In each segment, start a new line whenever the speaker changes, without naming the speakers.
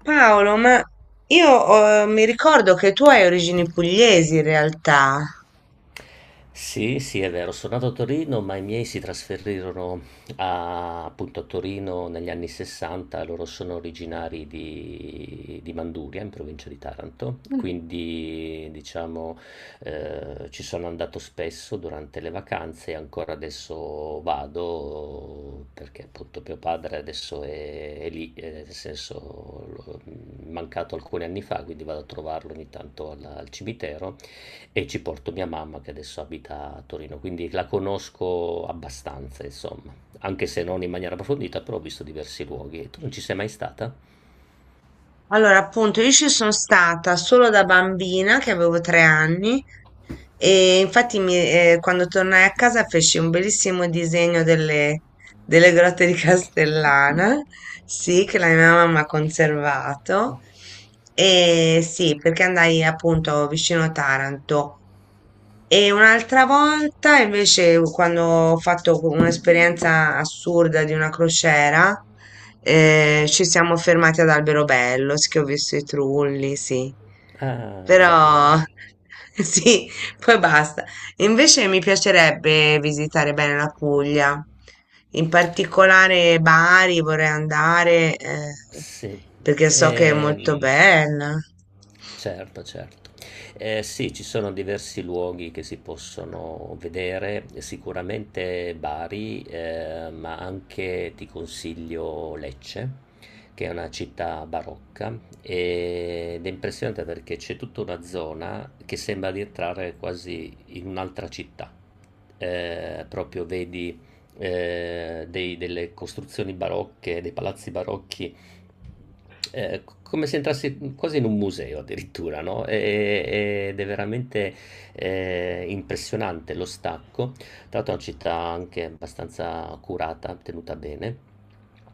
Paolo, ma io mi ricordo che tu hai origini pugliesi in realtà.
Sì, sì, è vero, sono nato a Torino, ma i miei si trasferirono appunto a Torino negli anni 60, loro sono originari di Manduria, in provincia di Taranto, quindi diciamo ci sono andato spesso durante le vacanze e ancora adesso vado perché appunto mio padre adesso è lì, nel senso l'ho mancato alcuni anni fa, quindi vado a trovarlo ogni tanto al cimitero. E ci porto mia mamma che adesso abita a Torino, quindi la conosco abbastanza, insomma, anche se non in maniera approfondita, però ho visto diversi luoghi. Tu non ci sei mai stata?
Allora, appunto, io ci sono stata solo da bambina, che avevo 3 anni, e infatti quando tornai a casa feci un bellissimo disegno delle grotte di Castellana, sì, che la mia mamma ha conservato, e sì, perché andai appunto vicino Taranto. E un'altra volta invece quando ho fatto un'esperienza assurda di una crociera, ci siamo fermati ad Alberobello, sì, che ho visto i trulli, sì.
Ah, bello,
Però
bello.
sì, poi basta. Invece mi piacerebbe visitare bene la Puglia, in particolare Bari vorrei andare,
Sì,
perché so che è molto
ehm,
bella.
certo, certo. Sì, ci sono diversi luoghi che si possono vedere, sicuramente Bari, ma anche ti consiglio Lecce, che è una città barocca ed è impressionante perché c'è tutta una zona che sembra di entrare quasi in un'altra città. Proprio vedi delle costruzioni barocche, dei palazzi barocchi come se entrasse quasi in un museo addirittura, no? Ed è veramente impressionante lo stacco. Tra l'altro è una città anche abbastanza curata, tenuta bene.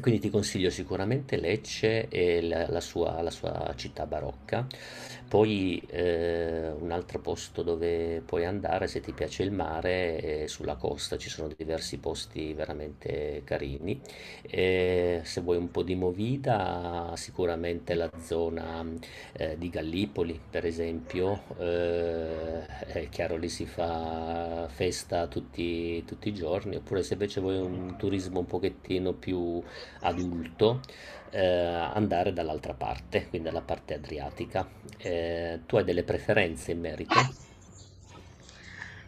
Quindi ti consiglio sicuramente Lecce e la sua città barocca. Poi un altro posto dove puoi andare, se ti piace il mare, è sulla costa, ci sono diversi posti veramente carini. E se vuoi un po' di movida, sicuramente la zona di Gallipoli, per esempio, è chiaro, lì si fa festa tutti, tutti i giorni, oppure se invece vuoi un turismo un pochettino più adulto, andare dall'altra parte, quindi dalla parte adriatica. Tu hai delle preferenze in merito?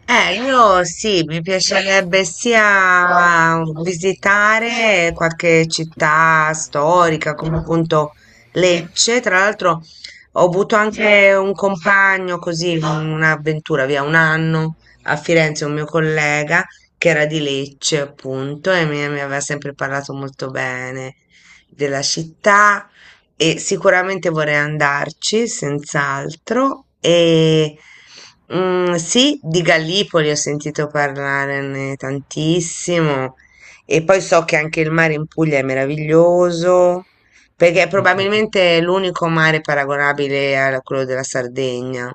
Io sì, mi piacerebbe sia visitare qualche città storica, come appunto Lecce. Tra l'altro ho avuto anche un compagno così, un'avventura via 1 anno a Firenze, un mio collega che era di Lecce appunto e mi aveva sempre parlato molto bene della città. E sicuramente vorrei andarci, senz'altro. E mm, sì, di Gallipoli ho sentito parlare tantissimo. E poi so che anche il mare in Puglia è meraviglioso, perché è
Mm, mm.
probabilmente l'unico mare paragonabile a quello della Sardegna.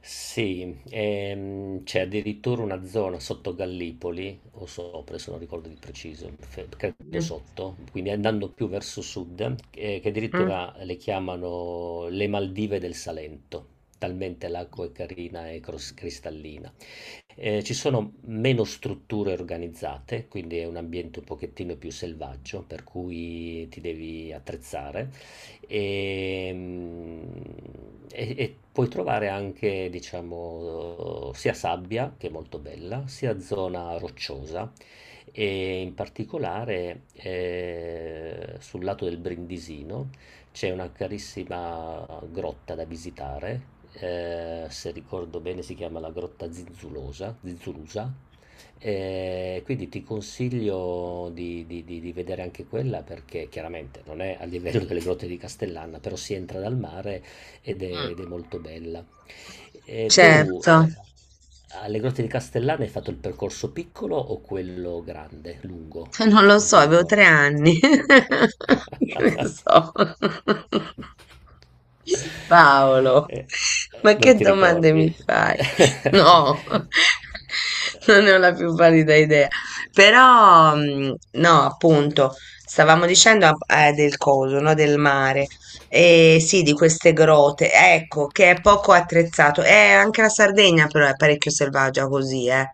Sì, c'è addirittura una zona sotto Gallipoli, o sopra, se non ricordo di preciso, credo
Mm.
sotto, quindi andando più verso sud, che addirittura le chiamano le Maldive del Salento, talmente l'acqua è carina e cristallina. Ci sono meno strutture organizzate, quindi è un ambiente un pochettino più selvaggio, per cui ti devi attrezzare e, e puoi trovare anche, diciamo, sia sabbia, che è molto bella, sia zona rocciosa, e in particolare sul lato del Brindisino c'è una carissima grotta da visitare. Se ricordo bene si chiama la grotta Zinzulosa, Zinzulusa. Quindi ti consiglio di vedere anche quella, perché chiaramente non è a livello delle grotte di Castellana, però si entra dal mare ed è,
Mm.
ed è molto bella. E tu,
Certo.
alle grotte di Castellana hai fatto il percorso piccolo o quello grande, lungo?
Non lo
Non
so,
ti
avevo
ricordo.
3 anni. Che ne so. Paolo,
Eh, eh,
ma
non
che
ti
domande mi
ricordi?
fai? No, non ne ho la più pallida idea. Però, mm, no, appunto, stavamo dicendo ah, del coso, no, del mare. E sì, di queste grotte, ecco, che è poco attrezzato. Anche la Sardegna però è parecchio selvaggia così, eh.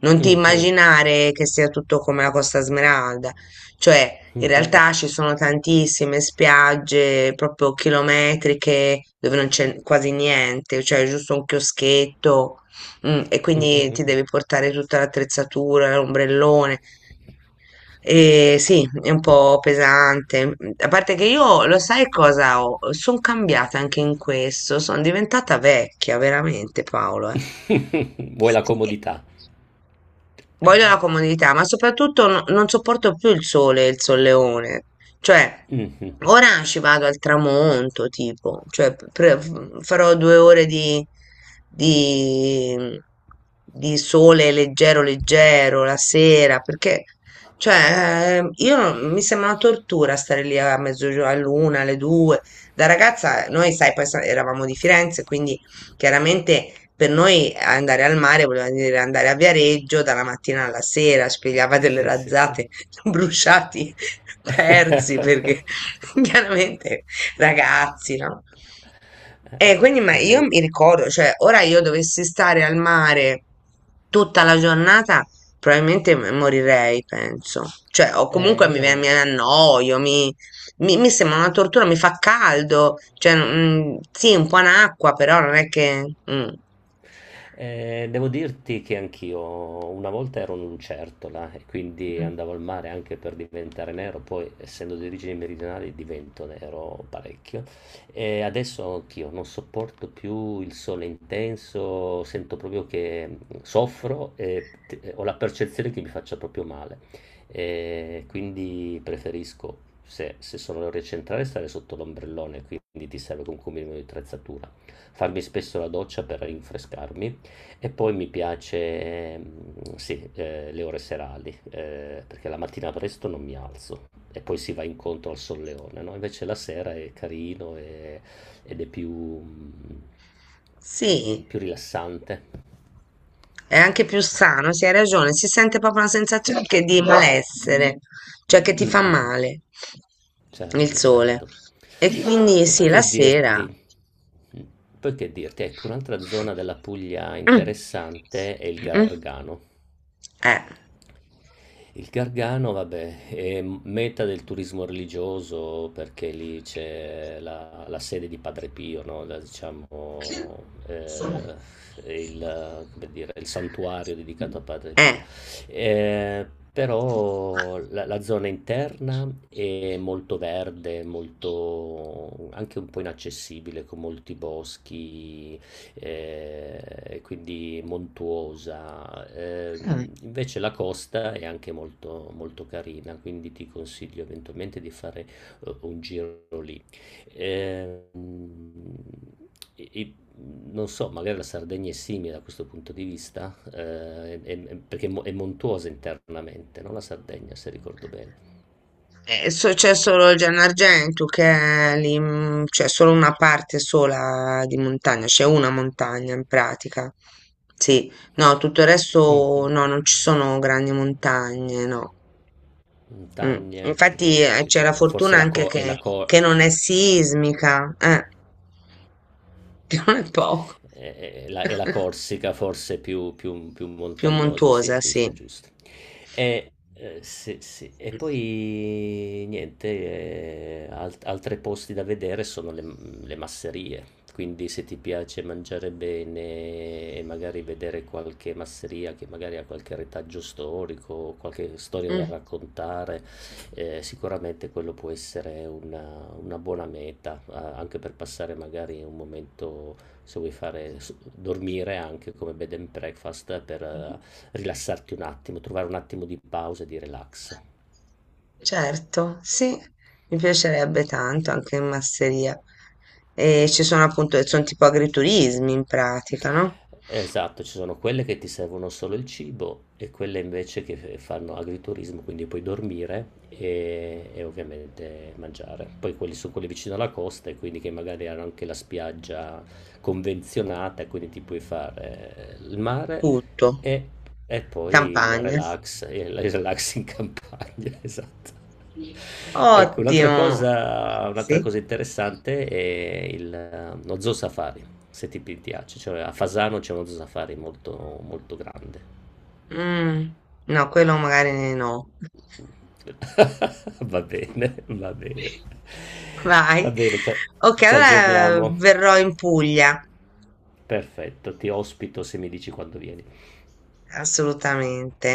Non ti
Mhm,
immaginare che sia tutto come la Costa Smeralda, cioè in
mhm.
realtà ci sono tantissime spiagge proprio chilometriche dove non c'è quasi niente, cioè giusto un chioschetto, mm, e
Mm,
quindi
mm,
ti
mm.
devi portare tutta l'attrezzatura, l'ombrellone. E sì, è un po' pesante. A parte che io, lo sai cosa ho? Sono cambiata anche in questo, sono diventata vecchia, veramente, Paolo. Eh.
Vuoi la comodità?
Voglio la comodità, ma soprattutto non sopporto più il sole e il solleone. Cioè,
Mhm.
ora ci vado al tramonto, tipo, cioè, farò 2 ore di, di sole leggero, leggero la sera, perché, cioè, io non- mi sembra una tortura stare lì a mezzogiorno, all'una, alle due. Da ragazza, noi, sai, eravamo di Firenze, quindi chiaramente per noi andare al mare voleva dire andare a Viareggio dalla mattina alla sera, spiegava delle
Sì, sì, sì.
razzate, bruciati, persi, perché chiaramente ragazzi, no?
Eh,
E quindi ma
Beh,
io
devo...
mi ricordo, cioè ora io dovessi stare al mare tutta la giornata, probabilmente morirei, penso. Cioè, o comunque mi
io
annoio, mi sembra una tortura, mi fa caldo, cioè, mm, sì, un po' in acqua, però non è che... Mm.
Devo dirti che anch'io una volta ero un'lucertola e quindi
Mm.
andavo al mare anche per diventare nero, poi essendo di origini meridionali divento nero parecchio. E adesso anch'io non sopporto più il sole intenso, sento proprio che soffro e ho la percezione che mi faccia proprio male. E quindi preferisco, se, se sono le ore centrali, stare sotto l'ombrellone, quindi ti serve comunque un minimo di attrezzatura, farmi spesso la doccia per rinfrescarmi, e poi mi piace, sì, le ore serali, perché la mattina presto non mi alzo e poi si va incontro al solleone, no? Invece la sera è carino ed è più,
Sì,
più rilassante.
è anche più sano, sì, hai ragione, si sente proprio una sensazione che di malessere, cioè che
Mm,
ti fa
mm, mm.
male il
Certo,
sole.
certo.
E quindi
E poi
sì, la
che
sera.
dirti? Poi che dirti? Ecco, un'altra zona della Puglia
Mm.
interessante è il
Mm.
Gargano.
Eh.
Il Gargano, vabbè, è meta del turismo religioso perché lì c'è la sede di Padre Pio, no? La, diciamo, eh, come dire, il santuario dedicato a Padre Pio.
Eh.
Eh, Però la zona interna è molto verde, molto, anche un po' inaccessibile, con molti boschi, quindi montuosa.
Mm.
Invece la costa è anche molto, molto carina, quindi ti consiglio eventualmente di fare un giro lì. Ehm, e non so, magari la Sardegna è simile da questo punto di vista, perché è è montuosa internamente, no? La Sardegna, se ricordo bene.
C'è solo il Gianargento che è lì, mm, c'è solo una parte sola di montagna, c'è una montagna in pratica. Sì, no, tutto il resto
Mhm.
no, non ci sono grandi montagne, no. Mm.
Montagne, no,
Infatti
ho
c'è
capito.
la
Forse
fortuna
la
anche
co- è la, co-
che non è sismica, che non è poco,
è la Corsica forse più
più
montagnosa, sì, è
montuosa,
giusto,
sì.
è giusto. Sì, sì. E poi niente, altri posti da vedere sono le masserie. Quindi se ti piace mangiare bene e magari vedere qualche masseria che magari ha qualche retaggio storico, qualche storia da
Mm.
raccontare, sicuramente quello può essere una buona meta, anche per passare magari un momento, se vuoi fare dormire anche come bed and breakfast, per rilassarti un attimo, trovare un attimo di pausa e di relax.
Certo, sì, mi piacerebbe tanto anche in masseria. E ci sono appunto, sono tipo agriturismi in pratica, no?
Esatto, ci sono quelle che ti servono solo il cibo, e quelle invece che fanno agriturismo, quindi puoi dormire e ovviamente mangiare. Poi quelli sono quelli vicino alla costa, e quindi che magari hanno anche la spiaggia convenzionata, quindi ti puoi fare il mare
Tutto,
e, e poi
campagna.
il relax in campagna, esatto. Ecco,
Ottimo!
un'altra
Sì?
cosa interessante è il, lo zoo safari, se ti piace. Cioè, a Fasano c'è uno safari molto, molto grande.
Mm, no, quello magari no.
Va bene, va bene. Va
Vai.
bene, ci
Ok,
ci
allora
aggiorniamo.
verrò in Puglia,
Perfetto, ti ospito se mi dici quando vieni.
assolutamente.